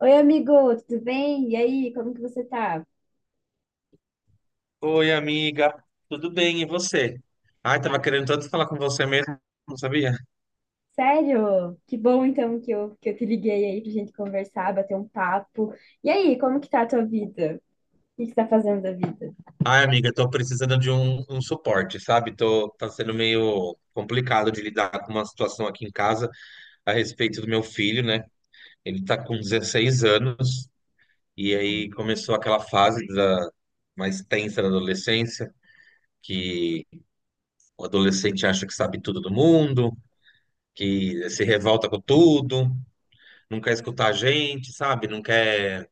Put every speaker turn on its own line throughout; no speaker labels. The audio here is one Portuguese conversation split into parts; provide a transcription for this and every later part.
Oi, amigo, tudo bem? E aí, como que você tá?
Oi, amiga. Tudo bem, e você? Ai,
Ah,
tava querendo tanto falar com você mesmo, não sabia?
sério? Que bom então que eu te liguei aí pra gente conversar, bater um papo. E aí, como que tá a tua vida? O que que você tá fazendo da vida?
Ai, amiga, tô precisando de um suporte, sabe? Tá sendo meio complicado de lidar com uma situação aqui em casa a respeito do meu filho, né? Ele tá com 16 anos e
Ai,
aí começou aquela fase da, mais tensa da adolescência, que o adolescente acha que sabe tudo do mundo, que se revolta com tudo, não quer escutar a gente, sabe? Não quer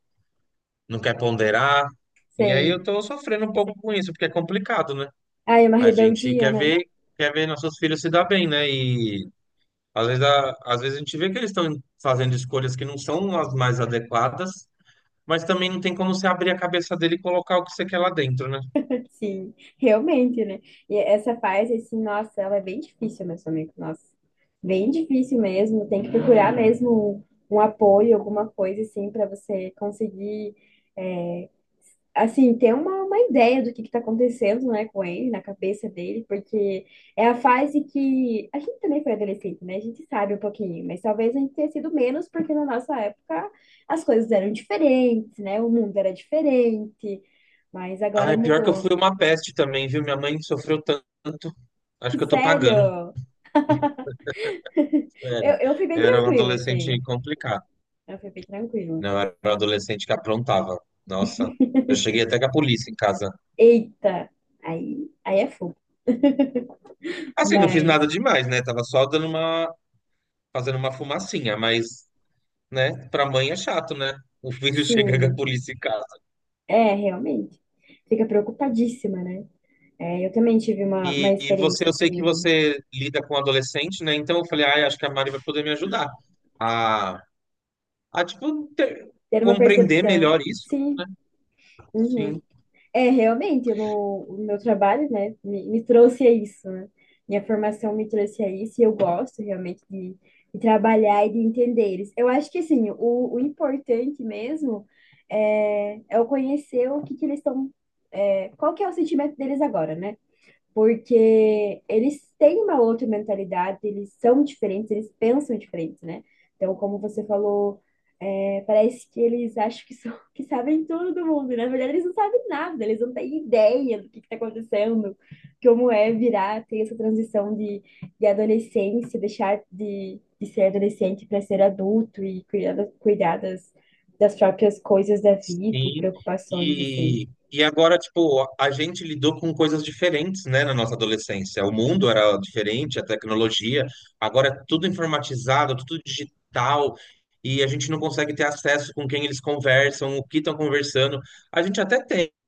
não quer ponderar. E aí
sei.
eu tô sofrendo um pouco com isso, porque é complicado, né?
Ai, é uma
A gente
rebeldia,
quer
né?
ver, quer ver nossos filhos se dar bem, né? E às vezes a gente vê que eles estão fazendo escolhas que não são as mais adequadas, mas também não tem como você abrir a cabeça dele e colocar o que você quer lá dentro, né?
Sim, realmente, né? E essa fase, assim, nossa, ela é bem difícil, meu amigo, nossa. Bem difícil mesmo, tem que procurar mesmo um apoio, alguma coisa assim, pra você conseguir eh, assim, ter uma ideia do que está acontecendo, né, com ele, na cabeça dele, porque é a fase que a gente também foi adolescente, né? A gente sabe um pouquinho, mas talvez a gente tenha sido menos, porque na nossa época as coisas eram diferentes, né? O mundo era diferente, mas
Ah,
agora
é pior que eu
mudou.
fui uma peste também, viu? Minha mãe sofreu tanto. Acho que eu tô pagando.
Sério, eu,
Sério.
eu fui bem
Eu era um
tranquila,
adolescente
assim,
complicado.
eu fui bem tranquila.
Não, eu era um adolescente que aprontava. Nossa, eu cheguei até com a polícia em casa.
Eita, aí é fogo,
Assim, não fiz
mas
nada demais, né? Tava só dando uma, fazendo uma fumacinha, mas, né, pra mãe é chato, né? O filho chega a
sim,
polícia em casa.
é, realmente, fica preocupadíssima, né? É, eu também tive uma
E você,
experiência
eu sei que
assim,
você lida com adolescente, né? Então eu falei, ah, acho que a Mari vai poder me ajudar a, a tipo,
ter uma
compreender
percepção.
melhor isso.
Sim, uhum.
Sim.
É, realmente, eu não- o meu trabalho, né, me trouxe a isso, né? Minha formação me trouxe a isso e eu gosto realmente de trabalhar e de entender eles. Eu acho que, assim, o importante mesmo é eu conhecer o que que eles estão, é, qual que é o sentimento deles agora, né? Porque eles têm uma outra mentalidade, eles são diferentes, eles pensam diferentes, né? Então, como você falou, é, parece que eles acham que, são, que sabem tudo do mundo, né? Na verdade eles não sabem nada, eles não têm ideia do que está acontecendo, como é virar, ter essa transição de adolescência, de ser adolescente para ser adulto e cuidar das, das próprias coisas da vida e
Sim.
preocupações, assim.
E agora, tipo, a gente lidou com coisas diferentes, né, na nossa adolescência. O mundo era diferente, a tecnologia. Agora é tudo informatizado, tudo digital. E a gente não consegue ter acesso com quem eles conversam, o que estão conversando. A gente até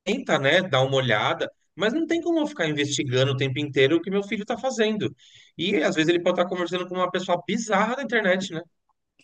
tenta, né, dar uma olhada, mas não tem como eu ficar investigando o tempo inteiro o que meu filho está fazendo. E às vezes ele pode estar conversando com uma pessoa bizarra na internet,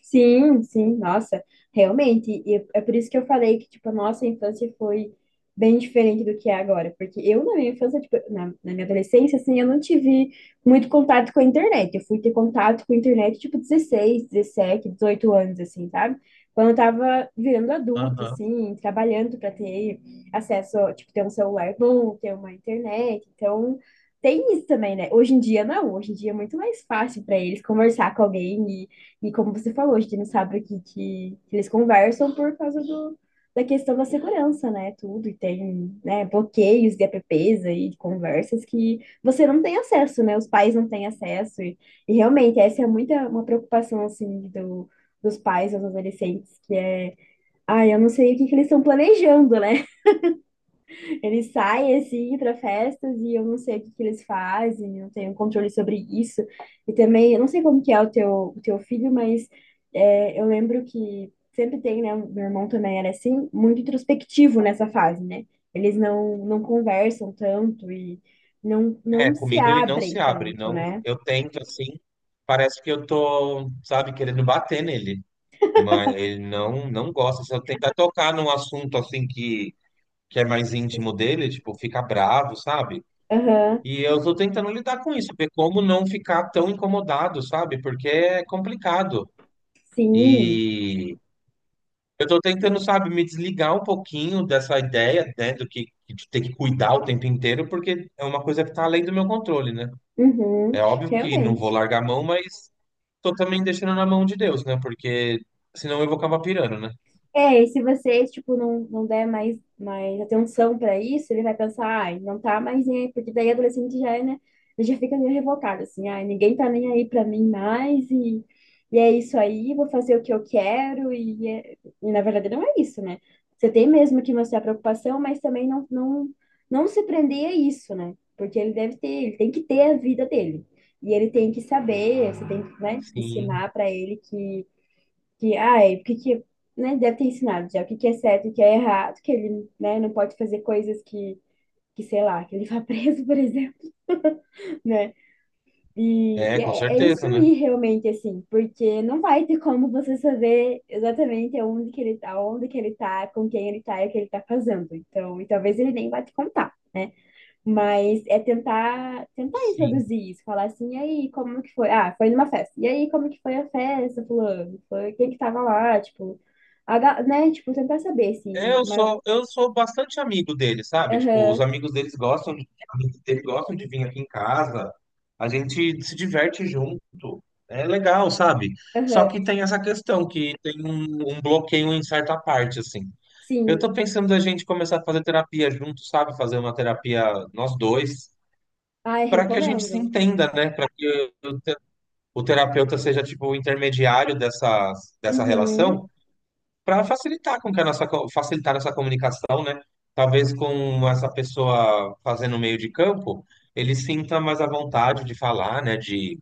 Sim, nossa, realmente. E é por isso que eu falei que, tipo, a nossa infância foi bem diferente do que é agora. Porque eu, na minha infância, tipo, na minha adolescência, assim, eu não tive muito contato com a internet. Eu fui ter contato com a internet, tipo, 16, 17, 18 anos, assim, sabe? Quando eu tava virando adulta,
né?
assim, trabalhando para ter acesso, tipo, ter um celular bom, ter uma internet. Então, tem isso também, né? Hoje em dia, não. Hoje em dia é muito mais fácil para eles conversar com alguém e como você falou, a gente não sabe aqui que eles conversam por causa do, da questão da segurança, né? Tudo, e tem, né, bloqueios de apps e de conversas que você não tem acesso, né? Os pais não têm acesso. E realmente, essa é muita, uma preocupação, assim, do, dos pais, dos adolescentes, que é, ah, eu não sei que eles estão planejando, né? Eles saem assim para festas e eu não sei o que que eles fazem, eu não tenho controle sobre isso. E também, eu não sei como que é o teu filho, mas é, eu lembro que sempre tem, né? Meu irmão também era assim, muito introspectivo nessa fase, né? Eles não conversam tanto e
É,
não se
comigo ele não
abrem
se abre,
tanto,
não.
né?
Eu tento assim, parece que eu tô, sabe, querendo bater nele, mas ele não gosta. Se eu tentar tocar num assunto assim que é mais íntimo dele, tipo, fica bravo, sabe?
Aham,
E eu tô tentando lidar com isso, ver como não ficar tão incomodado, sabe? Porque é complicado.
sim,
E eu tô tentando, sabe, me desligar um pouquinho dessa ideia, né, do que de ter que cuidar o tempo inteiro, porque é uma coisa que tá além do meu controle, né?
uhum,
É óbvio que não vou
realmente.
largar a mão, mas tô também deixando na mão de Deus, né? Porque senão eu vou acabar pirando, né?
É, e se você tipo, não der mais atenção para isso, ele vai pensar, ai, não tá mais nem aí, porque daí adolescente já é, né? Ele já fica meio revocado, assim, ai, ninguém tá nem aí para mim mais, e é isso aí, vou fazer o que eu quero, e na verdade não é isso, né? Você tem mesmo que mostrar preocupação, mas também não se prender a isso, né? Porque ele deve ter, ele tem que ter a vida dele. E ele tem que saber, você tem que, né,
Sim,
ensinar para ele que, ai, porque que, né, deve ter ensinado já o que que é certo e o que é errado, que ele, né, não pode fazer coisas que sei lá, que ele vá preso, por exemplo, né? E
é, com
é, é
certeza, né?
instruir realmente, assim, porque não vai ter como você saber exatamente onde que ele tá, onde que ele tá, com quem ele tá e o que ele tá fazendo. Então, e talvez ele nem vá te contar. Né, mas é tentar, tentar
Sim.
introduzir isso, falar assim, e aí, como que foi? Ah, foi numa festa. E aí, como que foi a festa, fulano? Foi quem que tava lá, tipo, né? Tipo, tentar saber,
É,
assim,
eu
mas
sou, eu sou bastante amigo dele, sabe? Tipo, os
aham,
amigos deles gostam de, amigos dele gostam de vir aqui em casa. A gente se diverte junto. É legal, sabe? Só
aham,
que tem essa questão que tem um, um bloqueio em certa parte, assim. Eu
sim.
tô pensando da gente começar a fazer terapia junto, sabe? Fazer uma terapia nós dois,
Ai,
para que a gente se
recomendo.
entenda, né? Para que o terapeuta seja tipo o intermediário dessa, dessa
Uhum.
relação, para facilitar com que a facilitar essa comunicação, né? Talvez com essa pessoa fazendo o meio de campo, ele sinta mais à vontade de falar, né?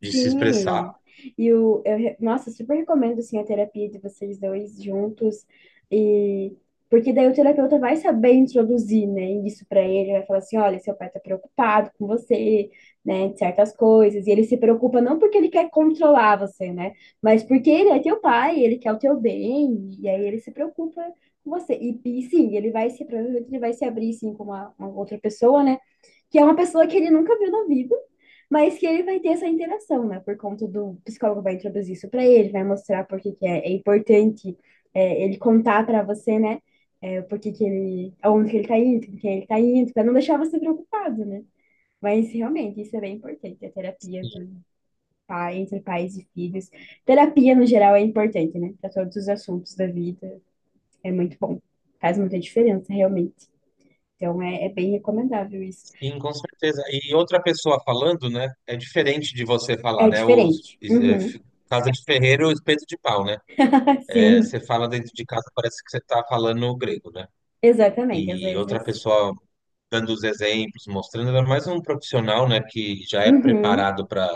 De se expressar.
Sim, e nossa, eu super recomendo, assim, a terapia de vocês dois juntos, e porque daí o terapeuta vai saber introduzir, né, isso pra ele, vai falar assim, olha, seu pai tá preocupado com você, né, de certas coisas, e ele se preocupa não porque ele quer controlar você, né, mas porque ele é teu pai, ele quer o teu bem, e aí ele se preocupa com você, e sim, ele vai se, provavelmente ele vai se abrir, sim, com uma outra pessoa, né, que é uma pessoa que ele nunca viu na vida, mas que ele vai ter essa interação, né? Por conta do psicólogo vai introduzir isso para ele, vai mostrar por que que é importante é, ele contar para você, né? É, por que que aonde que ele tá indo, com quem ele tá indo, para não deixar você preocupado, né? Mas realmente isso é bem importante, a terapia do pai, entre pais e filhos. Terapia no geral é importante, né? Para todos os assuntos da vida, é muito bom. Faz muita diferença, realmente. Então é bem recomendável isso.
Sim, com certeza. E outra pessoa falando, né? É diferente de você falar,
É
né?
diferente.
É,
Uhum.
f- Casa de ferreiro, espeto de pau, né? É,
Sim,
você fala dentro de casa, parece que você está falando grego, né?
exatamente. Às
E outra
vezes
pessoa dando os exemplos, mostrando, ainda mais um profissional, né, que já é
uhum,
preparado para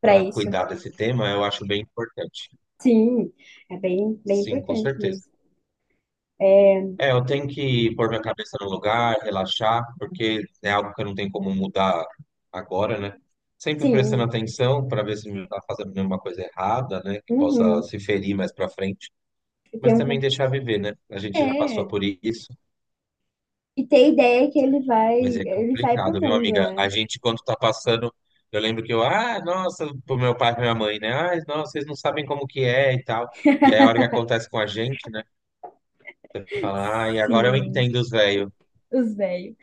para
para
isso.
cuidar desse tema, eu acho bem importante.
Sim, é bem, bem
Sim, com
importante
certeza.
mesmo.
É, eu tenho que pôr minha cabeça no lugar, relaxar, porque é algo que eu não tenho como mudar agora, né? Sempre prestando
Sim,
atenção para ver se não está fazendo nenhuma coisa errada, né, que possa
uhum.
se ferir mais para frente,
E ter
mas
um,
também
con-
deixar viver, né? A gente já passou
é,
por isso.
e ter a ideia que
Mas é
ele vai pro
complicado, viu,
mundo,
amiga? A
né?
gente, quando tá passando, eu lembro que eu, ah, nossa, pro meu pai e pra minha mãe, né? Ah, nossa, vocês não sabem como que é e tal. E aí, a hora que acontece com a gente, né? Fala, ah, e agora eu
Sim.
entendo os velhos.
Os velhos.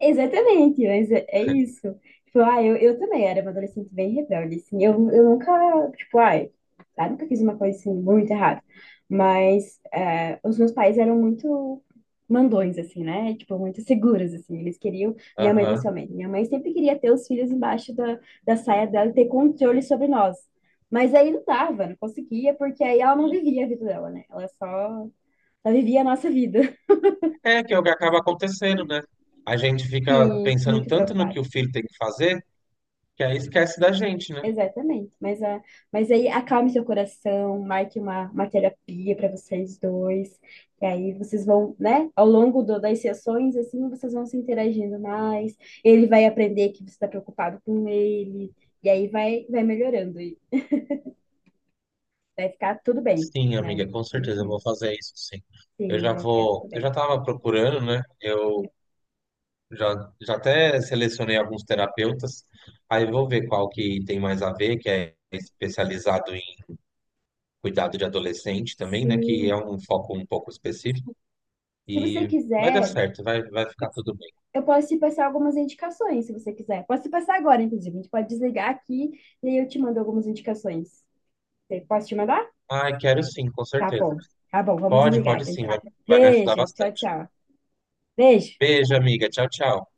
Exatamente, mas é, é isso. Tipo, ah, eu também era uma adolescente bem rebelde, assim. Eu nunca, tipo, ai, ah, nunca fiz uma coisa, assim, muito errada. Mas é, os meus pais eram muito mandões, assim, né? Tipo, muito seguros, assim. Eles queriam, minha mãe
Aham.
principalmente. Minha mãe sempre queria ter os filhos embaixo da saia dela e ter controle sobre nós. Mas aí não dava, não conseguia, porque aí ela não vivia a vida dela, né? Ela só, só vivia a nossa vida.
É que é o que acaba acontecendo, né? A gente fica
Sim,
pensando
muito
tanto no
preocupado.
que o filho tem que fazer, que aí esquece da gente, né?
Exatamente. Mas, a, mas aí acalme seu coração, marque uma terapia para vocês dois. E aí vocês vão, né? Ao longo do- das sessões, assim, vocês vão se interagindo mais. Ele vai aprender que você está preocupado com ele. E aí vai, vai melhorando. E vai ficar tudo bem,
Sim,
né?
amiga, com certeza eu
Uhum.
vou fazer isso, sim. Eu
Sim,
já
vai ficar tudo
vou, eu
bem.
já tava procurando, né? Eu já, já até selecionei alguns terapeutas, aí eu vou ver qual que tem mais a ver, que é especializado em cuidado de adolescente também, né? Que é
Sim.
um foco um pouco específico
Se você
e vai dar
quiser,
certo, vai, vai ficar tudo bem.
eu posso te passar algumas indicações, se você quiser. Posso te passar agora, inclusive. A gente pode desligar aqui e aí eu te mando algumas indicações. Você- Posso te mandar?
Ai, quero sim, com
Tá
certeza.
bom, tá bom, vamos
Pode,
desligar
pode
aqui
sim,
então.
vai, vai me ajudar
Beijo, tchau,
bastante.
tchau. Beijo.
Beijo, amiga. Tchau, tchau.